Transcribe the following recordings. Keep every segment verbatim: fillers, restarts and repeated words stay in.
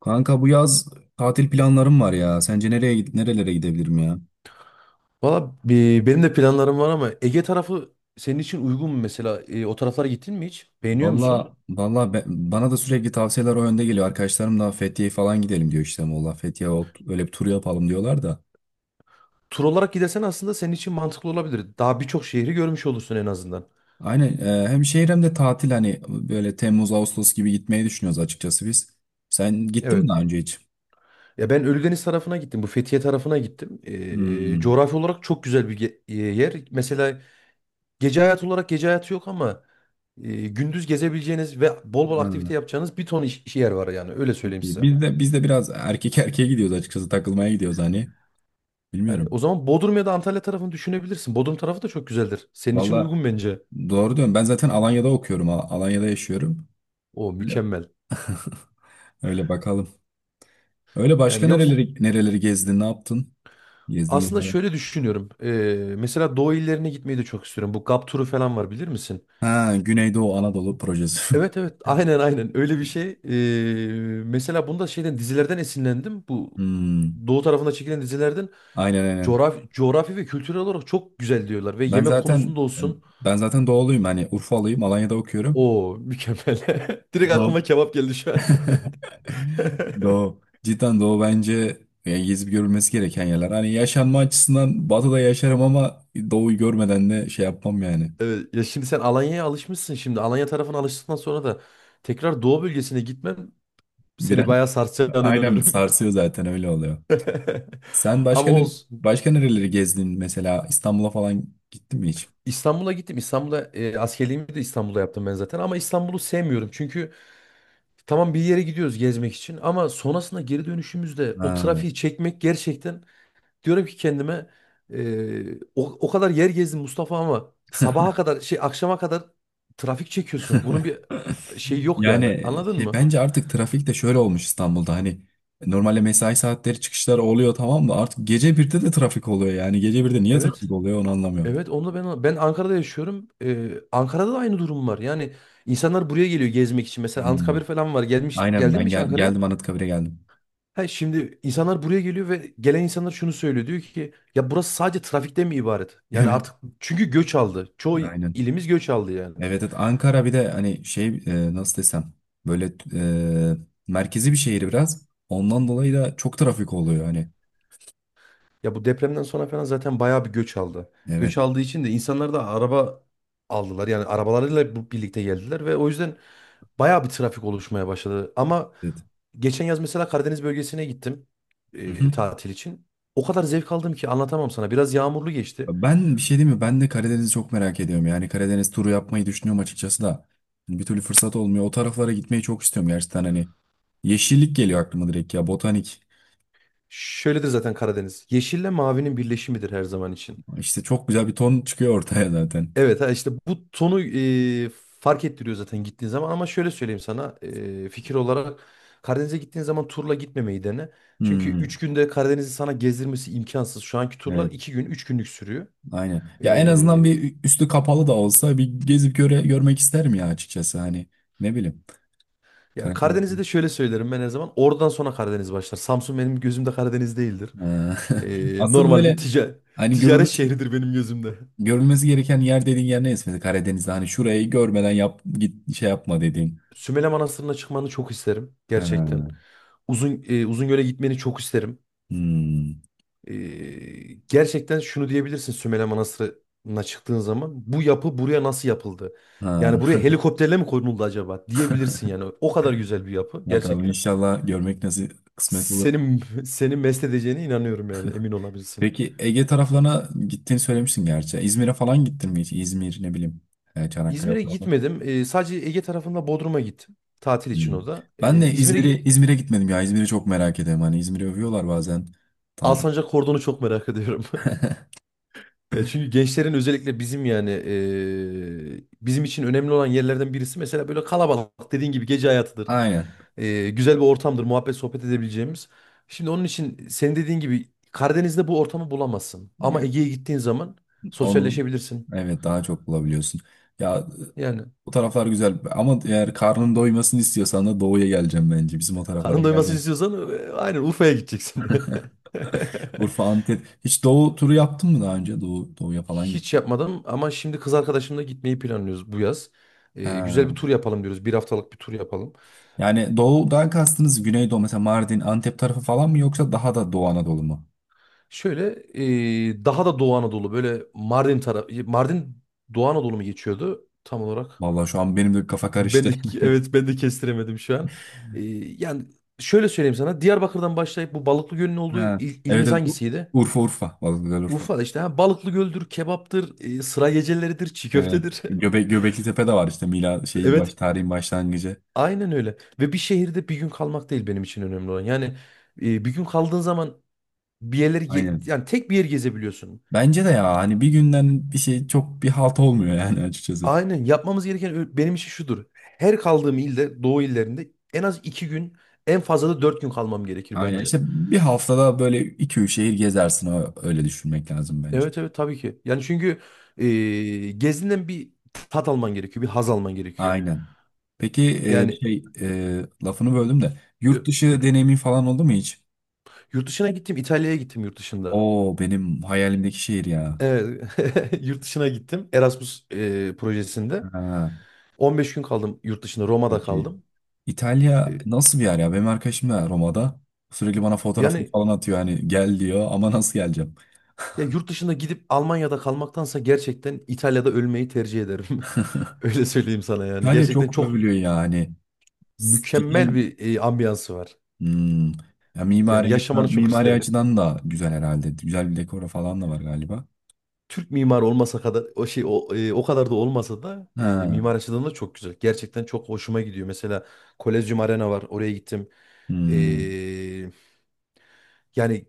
Kanka, bu yaz tatil planlarım var ya. Sence nereye gid- nerelere gidebilirim ya? Valla e, benim de planlarım var ama Ege tarafı senin için uygun mu mesela? E, o taraflara gittin mi hiç? Beğeniyor musun? Valla valla, be- bana da sürekli tavsiyeler o yönde geliyor. Arkadaşlarım da Fethiye falan gidelim diyor işte Muğla, Fethiye ol- öyle bir tur yapalım diyorlar da. Tur olarak gidersen aslında senin için mantıklı olabilir. Daha birçok şehri görmüş olursun en azından. Aynen, e, hem şehir hem de tatil hani böyle Temmuz Ağustos gibi gitmeyi düşünüyoruz açıkçası biz. Sen gittin mi Evet. daha önce hiç? Ya ben Ölüdeniz tarafına gittim. Bu Fethiye tarafına gittim. E, Hmm. Coğrafi olarak çok güzel bir ge- e, yer. Mesela gece hayatı olarak gece hayatı yok ama e, gündüz gezebileceğiniz ve bol bol Ha, aktivite yapacağınız bir ton iş, iş yer var yani. Öyle çok söyleyeyim iyi. size. Biz de biz de biraz erkek erkeğe gidiyoruz, açıkçası takılmaya gidiyoruz hani. Yani Bilmiyorum. o zaman Bodrum ya da Antalya tarafını düşünebilirsin. Bodrum tarafı da çok güzeldir. Senin için Valla, uygun bence. doğru diyorum. Ben zaten Alanya'da okuyorum. Al- Alanya'da yaşıyorum. O mükemmel. Öyle bakalım. Öyle Yani başka yoksa nereleri nereleri gezdin, ne yaptın? Gezdiğin aslında yerler var. şöyle düşünüyorum. Ee, mesela Doğu illerine gitmeyi de çok istiyorum. Bu GAP turu falan var bilir misin? Ha, Güneydoğu Anadolu projesi. Evet evet aynen aynen öyle bir şey. Ee, mesela bunda şeyden dizilerden esinlendim. Bu Hmm, Doğu tarafında çekilen dizilerden aynen aynen. coğrafi, coğrafi ve kültürel olarak çok güzel diyorlar. Ve Ben yemek zaten konusunda olsun. ben zaten doğuluyum. Hani Urfalıyım. Alanya'da okuyorum. O mükemmel. Direkt Doğu. aklıma kebap geldi şu an. Doğu. Cidden Doğu bence yani gezip görülmesi gereken yerler. Hani yaşanma açısından Batı'da yaşarım ama Doğu'yu görmeden de şey yapmam yani. Evet, ya şimdi sen Alanya'ya alışmışsın şimdi. Alanya tarafına alıştıktan sonra da tekrar Doğu bölgesine gitmem seni Biraz bayağı sarsacağına aynen inanıyorum. sarsıyor zaten, öyle oluyor. Sen Ama başka ne- olsun. başka nereleri gezdin, mesela İstanbul'a falan gittin mi hiç? İstanbul'a gittim. İstanbul'a e, askerliğimi de İstanbul'da yaptım ben zaten. Ama İstanbul'u sevmiyorum. Çünkü tamam bir yere gidiyoruz gezmek için. Ama sonrasında geri dönüşümüzde o Ha. trafiği çekmek gerçekten, diyorum ki kendime, e, o, o kadar yer gezdim Mustafa ama sabaha kadar şey akşama kadar trafik çekiyorsun. Bunun bir şey yok yani. Yani Anladın şey, mı? bence artık trafik de şöyle olmuş İstanbul'da hani normalde mesai saatleri çıkışlar oluyor tamam da artık gece birde de trafik oluyor, yani gece birde niye Evet. trafik oluyor onu anlamıyorum. Evet onu da ben ben Ankara'da yaşıyorum. Ee, Ankara'da da aynı durum var. Yani insanlar buraya geliyor gezmek için. Mesela Hmm. Anıtkabir falan var. Gelmiş Aynen, Geldin mi ben hiç gel Ankara'ya? geldim, Anıtkabir'e geldim. Ha, şimdi insanlar buraya geliyor ve gelen insanlar şunu söylüyor. Diyor ki ya burası sadece trafikten mi ibaret? Yani Evet, artık çünkü göç aldı. Çoğu aynen. ilimiz göç aldı yani. Evet evet, Ankara bir de hani şey, e, nasıl desem, böyle, e, merkezi bir şehir, biraz ondan dolayı da çok trafik oluyor hani. Ya bu depremden sonra falan zaten bayağı bir göç aldı. Evet Göç aldığı için de insanlar da araba aldılar. Yani arabalarıyla bu- birlikte geldiler ve o yüzden bayağı bir trafik oluşmaya başladı. Ama evet. geçen yaz mesela Karadeniz bölgesine gittim Hı e, hı. tatil için. O kadar zevk aldım ki anlatamam sana. Biraz yağmurlu geçti. Ben bir şey diyeyim mi? Ben de Karadeniz'i çok merak ediyorum. Yani Karadeniz turu yapmayı düşünüyorum açıkçası da. Hani bir türlü fırsat olmuyor. O taraflara gitmeyi çok istiyorum gerçekten hani. Yeşillik geliyor aklıma direkt ya. Botanik. Şöyledir zaten Karadeniz. Yeşille mavinin birleşimidir her zaman için. İşte çok güzel bir ton çıkıyor ortaya zaten. Evet, ha işte bu tonu e, fark ettiriyor zaten gittiğin zaman ama şöyle söyleyeyim sana e, fikir olarak Karadeniz'e gittiğin zaman turla gitmemeyi dene. Çünkü üç Hmm, günde Karadeniz'i sana gezdirmesi imkansız. Şu anki turlar evet iki gün üç günlük sürüyor. aynen. Ya en azından E, bir üstü kapalı da olsa bir gezip göre, görmek isterim ya, açıkçası. Hani ne bileyim. Yani Karadeniz. Karadeniz'i de şöyle söylerim ben her zaman, oradan sonra Karadeniz başlar. Samsun benim gözümde Karadeniz değildir. Ha. E, Asıl Normal bir böyle tica hani ticaret görülmesi, şehridir benim gözümde. görülmesi gereken yer dediğin yer neyse. Mesela Karadeniz'de hani şurayı görmeden yap, git şey yapma dediğin. Sümele Manastırı'na çıkmanı çok isterim Ha, gerçekten. Uzun e, Uzungöl'e gitmeni çok isterim. hmm, Ee, gerçekten şunu diyebilirsin, Sümele Manastırı'na çıktığın zaman bu yapı buraya nasıl yapıldı? Yani buraya ha. helikopterle mi konuldu acaba diyebilirsin yani. O kadar güzel bir yapı Bakalım gerçekten. inşallah görmek nasıl kısmet olur. Senin seni mest edeceğine inanıyorum yani emin olabilirsin. Peki Ege taraflarına gittiğini söylemiştin gerçi. İzmir'e falan gittin mi hiç? İzmir, ne bileyim, e, Çanakkale İzmir'e falan. gitmedim. Ee, sadece Ege tarafında Bodrum'a gittim. Tatil için Hmm. o da. Ee, Ben de İzmir'e İzmir'e git İzmir'e gitmedim ya. İzmir'i çok merak ediyorum. Hani İzmir'i övüyorlar bazen. Tatil. Alsancak Kordon'u çok merak ediyorum. Ya çünkü gençlerin özellikle bizim yani eee, bizim için önemli olan yerlerden birisi mesela böyle kalabalık dediğin gibi gece hayatıdır. Aynen. Eee, güzel bir ortamdır muhabbet sohbet edebileceğimiz. Şimdi onun için senin dediğin gibi Karadeniz'de bu ortamı bulamazsın. Ama Yani Ege'ye gittiğin zaman onu, sosyalleşebilirsin. evet, daha çok bulabiliyorsun. Ya Yani bu taraflar güzel ama eğer karnın doymasını istiyorsan da doğuya geleceğim bence. Bizim o taraflara karın doymasını geleceğim. istiyorsan eee, aynen Urfa'ya gideceksin. Urfa, Antep. Hiç Doğu turu yaptın mı daha önce? Doğu, Doğu'ya falan Hiç gittin. yapmadım ama şimdi kız arkadaşımla gitmeyi planlıyoruz bu yaz. Eee, güzel bir Ha. tur yapalım diyoruz. Bir haftalık bir tur yapalım. Yani Doğu'dan kastınız Güneydoğu, mesela Mardin, Antep tarafı falan mı yoksa daha da Doğu Anadolu mu? Şöyle e, daha da Doğu Anadolu, böyle Mardin tarafı, Mardin Doğu Anadolu mu geçiyordu tam olarak? Vallahi şu an benim de kafa Ben karıştı. de, evet, ben de kestiremedim şu an. E, Yani şöyle söyleyeyim sana, Diyarbakır'dan başlayıp bu Balıklı Göl'ün olduğu Ha. il- Evet ilimiz evet, Ur- hangisiydi? Urfa Urfa. Vallahi güzel Urfa. Urfa'da işte ha, Balıklı Göl'dür, kebaptır, e, sıra geceleridir, çiğ Evet. köftedir. Göbe Göbekli Tepe de var işte, Mila şeyin baş Evet. tarihin başlangıcı. Aynen öyle. Ve bir şehirde bir gün kalmak değil benim için önemli olan. Yani e, bir gün kaldığın zaman bir yerleri ge- Aynen. yani tek bir yer gezebiliyorsun. Bence de ya hani bir günden bir şey çok bir halt olmuyor yani, açıkçası. Aynen yapmamız gereken ö- benim için şudur. Her kaldığım ilde, doğu illerinde en az iki gün, en fazla da dört gün kalmam gerekir Aynen bence. işte, bir haftada böyle iki üç şehir gezersin, o- öyle düşünmek lazım bence. Evet evet tabii ki. Yani çünkü e, gezinden bir tat alman gerekiyor, bir haz alman gerekiyor. Aynen. Peki, e, Yani şey e, lafını böldüm de e, yurt dışı buyurun. deneyimin falan oldu mu hiç? Yurt dışına gittim, İtalya'ya gittim yurt dışında. Oo, benim hayalimdeki şehir ya. Evet, yurt dışına gittim Erasmus e, projesinde. Ha, on beş gün kaldım yurt dışında, Roma'da çok iyi. kaldım. İtalya E, nasıl bir yer ya? Benim arkadaşım da Roma'da sürekli bana fotoğrafını yani falan atıyor hani, gel diyor ama nasıl geleceğim? Ya yurt dışına gidip Almanya'da kalmaktansa gerçekten İtalya'da ölmeyi tercih ederim. Öyle söyleyeyim sana yani. İtalya Gerçekten çok çok övülüyor yani. Cidden, mükemmel bir e, ambiyansı var. hmm, ya Yani mimari açıdan yaşamanı çok mimari isterim. açıdan da güzel herhalde. Güzel bir dekoru falan da var galiba. Türk mimarı olmasa kadar o şey o, e, o kadar da olmasa da e, Ha, mimar açıdan da çok güzel. Gerçekten çok hoşuma gidiyor. Mesela Kolezyum Arena var. Oraya gittim. hmm, E, Yani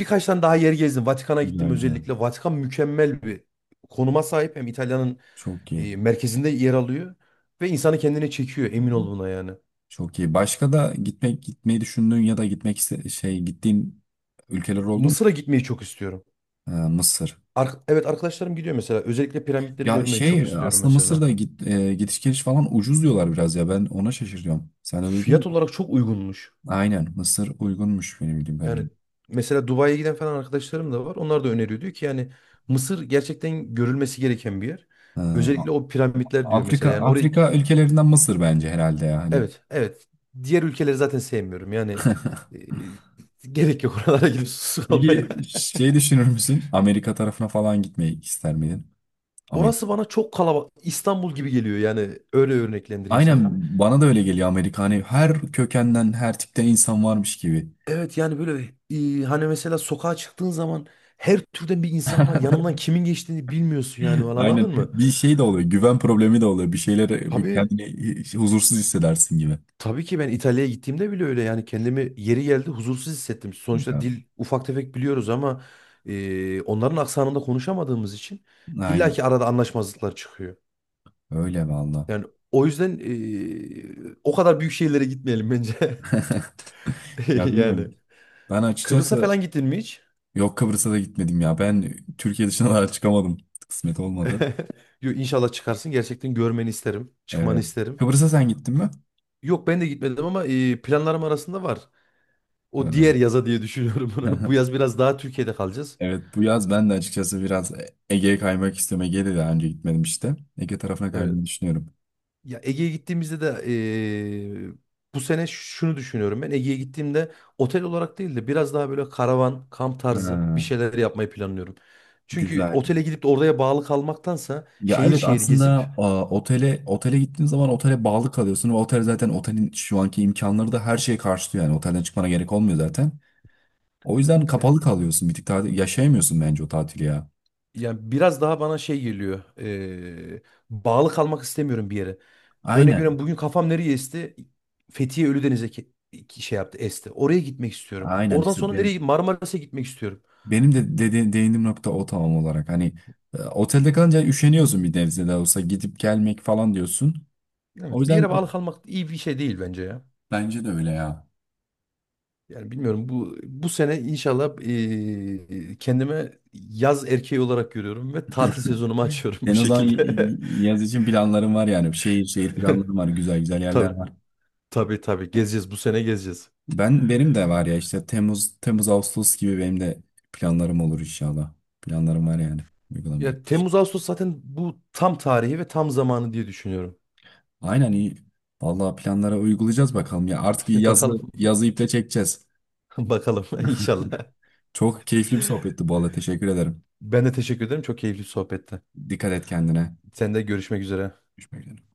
Birkaç tane daha yer gezdim. Vatikan'a gittim güzel güzel. özellikle. Vatikan mükemmel bir konuma sahip. Hem İtalya'nın Çok e, iyi. merkezinde yer alıyor. Ve insanı kendine çekiyor, emin ol buna yani. Çok iyi. Başka da gitmek gitmeyi düşündüğün ya da gitmek iste- şey gittiğin ülkeler oldu mu? Mısır'a gitmeyi çok istiyorum. Ee, Mısır. Ar- evet arkadaşlarım gidiyor mesela. Özellikle piramitleri Ya görmeyi çok şey istiyorum aslında mesela. Mısır'da git, e, gidiş geliş falan ucuz diyorlar biraz ya, ben ona şaşırıyorum. Sen de duydun mu? Fiyat olarak çok uygunmuş. Aynen, Mısır uygunmuş benim bildiğim Yani kadarıyla. mesela Dubai'ye giden falan arkadaşlarım da var. Onlar da öneriyor. Diyor ki yani Mısır gerçekten görülmesi gereken bir yer. Ee, A- Özellikle o piramitler diyor mesela. Afrika Yani oraya Afrika ülkelerinden Mısır bence herhalde ya hani. evet, evet. Diğer ülkeleri zaten sevmiyorum. Yani e, gerek yok oralara gidip susuz Peki kalmaya. şey, düşünür müsün? Amerika tarafına falan gitmeyi ister miydin? Amerika. Orası bana çok kalabalık. İstanbul gibi geliyor yani. Öyle örneklendireyim Aynen, sana. bana da öyle geliyor Amerika, hani her kökenden her tipten insan varmış gibi. Evet yani böyle e, hani mesela sokağa çıktığın zaman her türden bir insan var. Yanından kimin geçtiğini bilmiyorsun yani falan Aynen. anladın mı? Bir şey de oluyor. Güven problemi de oluyor. Bir şeylere Tabii. kendini huzursuz hissedersin gibi. Tabii ki ben İtalya'ya gittiğimde bile öyle yani, kendimi yeri geldi huzursuz hissettim. Sonuçta Ya, dil ufak tefek biliyoruz ama e, onların aksanında konuşamadığımız için aynen. illaki arada anlaşmazlıklar çıkıyor. Öyle valla. Yani o yüzden eee, o kadar büyük şehirlere gitmeyelim bence. Ya bilmiyorum. Yani Ben Kıbrıs'a açıkçası, falan gittin mi hiç? yok, Kıbrıs'a da gitmedim ya. Ben Türkiye dışına daha çıkamadım. Kısmet olmadı. Yo, İnşallah çıkarsın. Gerçekten görmeni isterim. Çıkmanı Evet. isterim. Kıbrıs'a sen gittin mi? Yok ben de gitmedim ama eee, planlarım arasında var. O Ee, diğer yaza diye düşünüyorum bunu. Bu yaz biraz daha Türkiye'de kalacağız. Evet, bu yaz ben de açıkçası biraz Ege'ye kaymak istiyorum. Ege'ye de daha önce gitmedim işte. Ege tarafına Evet. kaymayı düşünüyorum. Ya Ege'ye gittiğimizde de eee, bu sene şunu düşünüyorum ben. Ege'ye gittiğimde otel olarak değil de biraz daha böyle karavan, kamp Ha, tarzı bir şeyler yapmayı planlıyorum. Çünkü güzel. otele gidip de oraya bağlı kalmaktansa Ya şehir evet şehir gezip aslında, a, otele otele gittiğin zaman otele bağlı kalıyorsun ve otel zaten, otelin şu anki imkanları da her şeye karşılıyor yani otelden çıkmana gerek olmuyor zaten. O yüzden ya, kapalı kalıyorsun bir tık, tatil yaşayamıyorsun bence o tatili ya. yani biraz daha bana şey geliyor. Eee, bağlı kalmak istemiyorum bir yere. Örnek veriyorum, Aynen. bugün kafam nereye esti? Fethiye Ölüdeniz'e ke- ki- şey yaptı, esti. Oraya gitmek istiyorum. Aynen Oradan işte sonra nereye, benim Marmaris'e gitmek istiyorum. benim de dedi, değindiğim nokta o tam olarak hani, e, otelde kalınca üşeniyorsun bir nebze de olsa gidip gelmek falan diyorsun. O Evet bir yüzden yere bağlı kalmak iyi bir şey değil bence ya. bence de öyle ya. Yani bilmiyorum, bu bu sene inşallah eee, kendime yaz erkeği olarak görüyorum ve tatil sezonumu açıyorum bu Sen o zaman y- şekilde. y- yaz için planların var yani şehir şehir planların var, güzel güzel yerler Tabii var. tabii tabii gezeceğiz bu sene, gezeceğiz. Ben benim de var ya işte Temmuz Temmuz Ağustos gibi benim de planlarım olur inşallah. Planlarım var yani uygulamaya. Ya Temmuz Ağustos zaten bu tam tarihi ve tam zamanı diye düşünüyorum. Aynen, iyi. Vallahi planlara uygulayacağız bakalım ya. Artık yazı Bakalım yazı iple çekeceğiz. bakalım inşallah. Çok keyifli bir sohbetti bu arada. Teşekkür ederim. Ben de teşekkür ederim, çok keyifli sohbette. Dikkat et kendine. Sen de görüşmek üzere. Görüşmek üzere.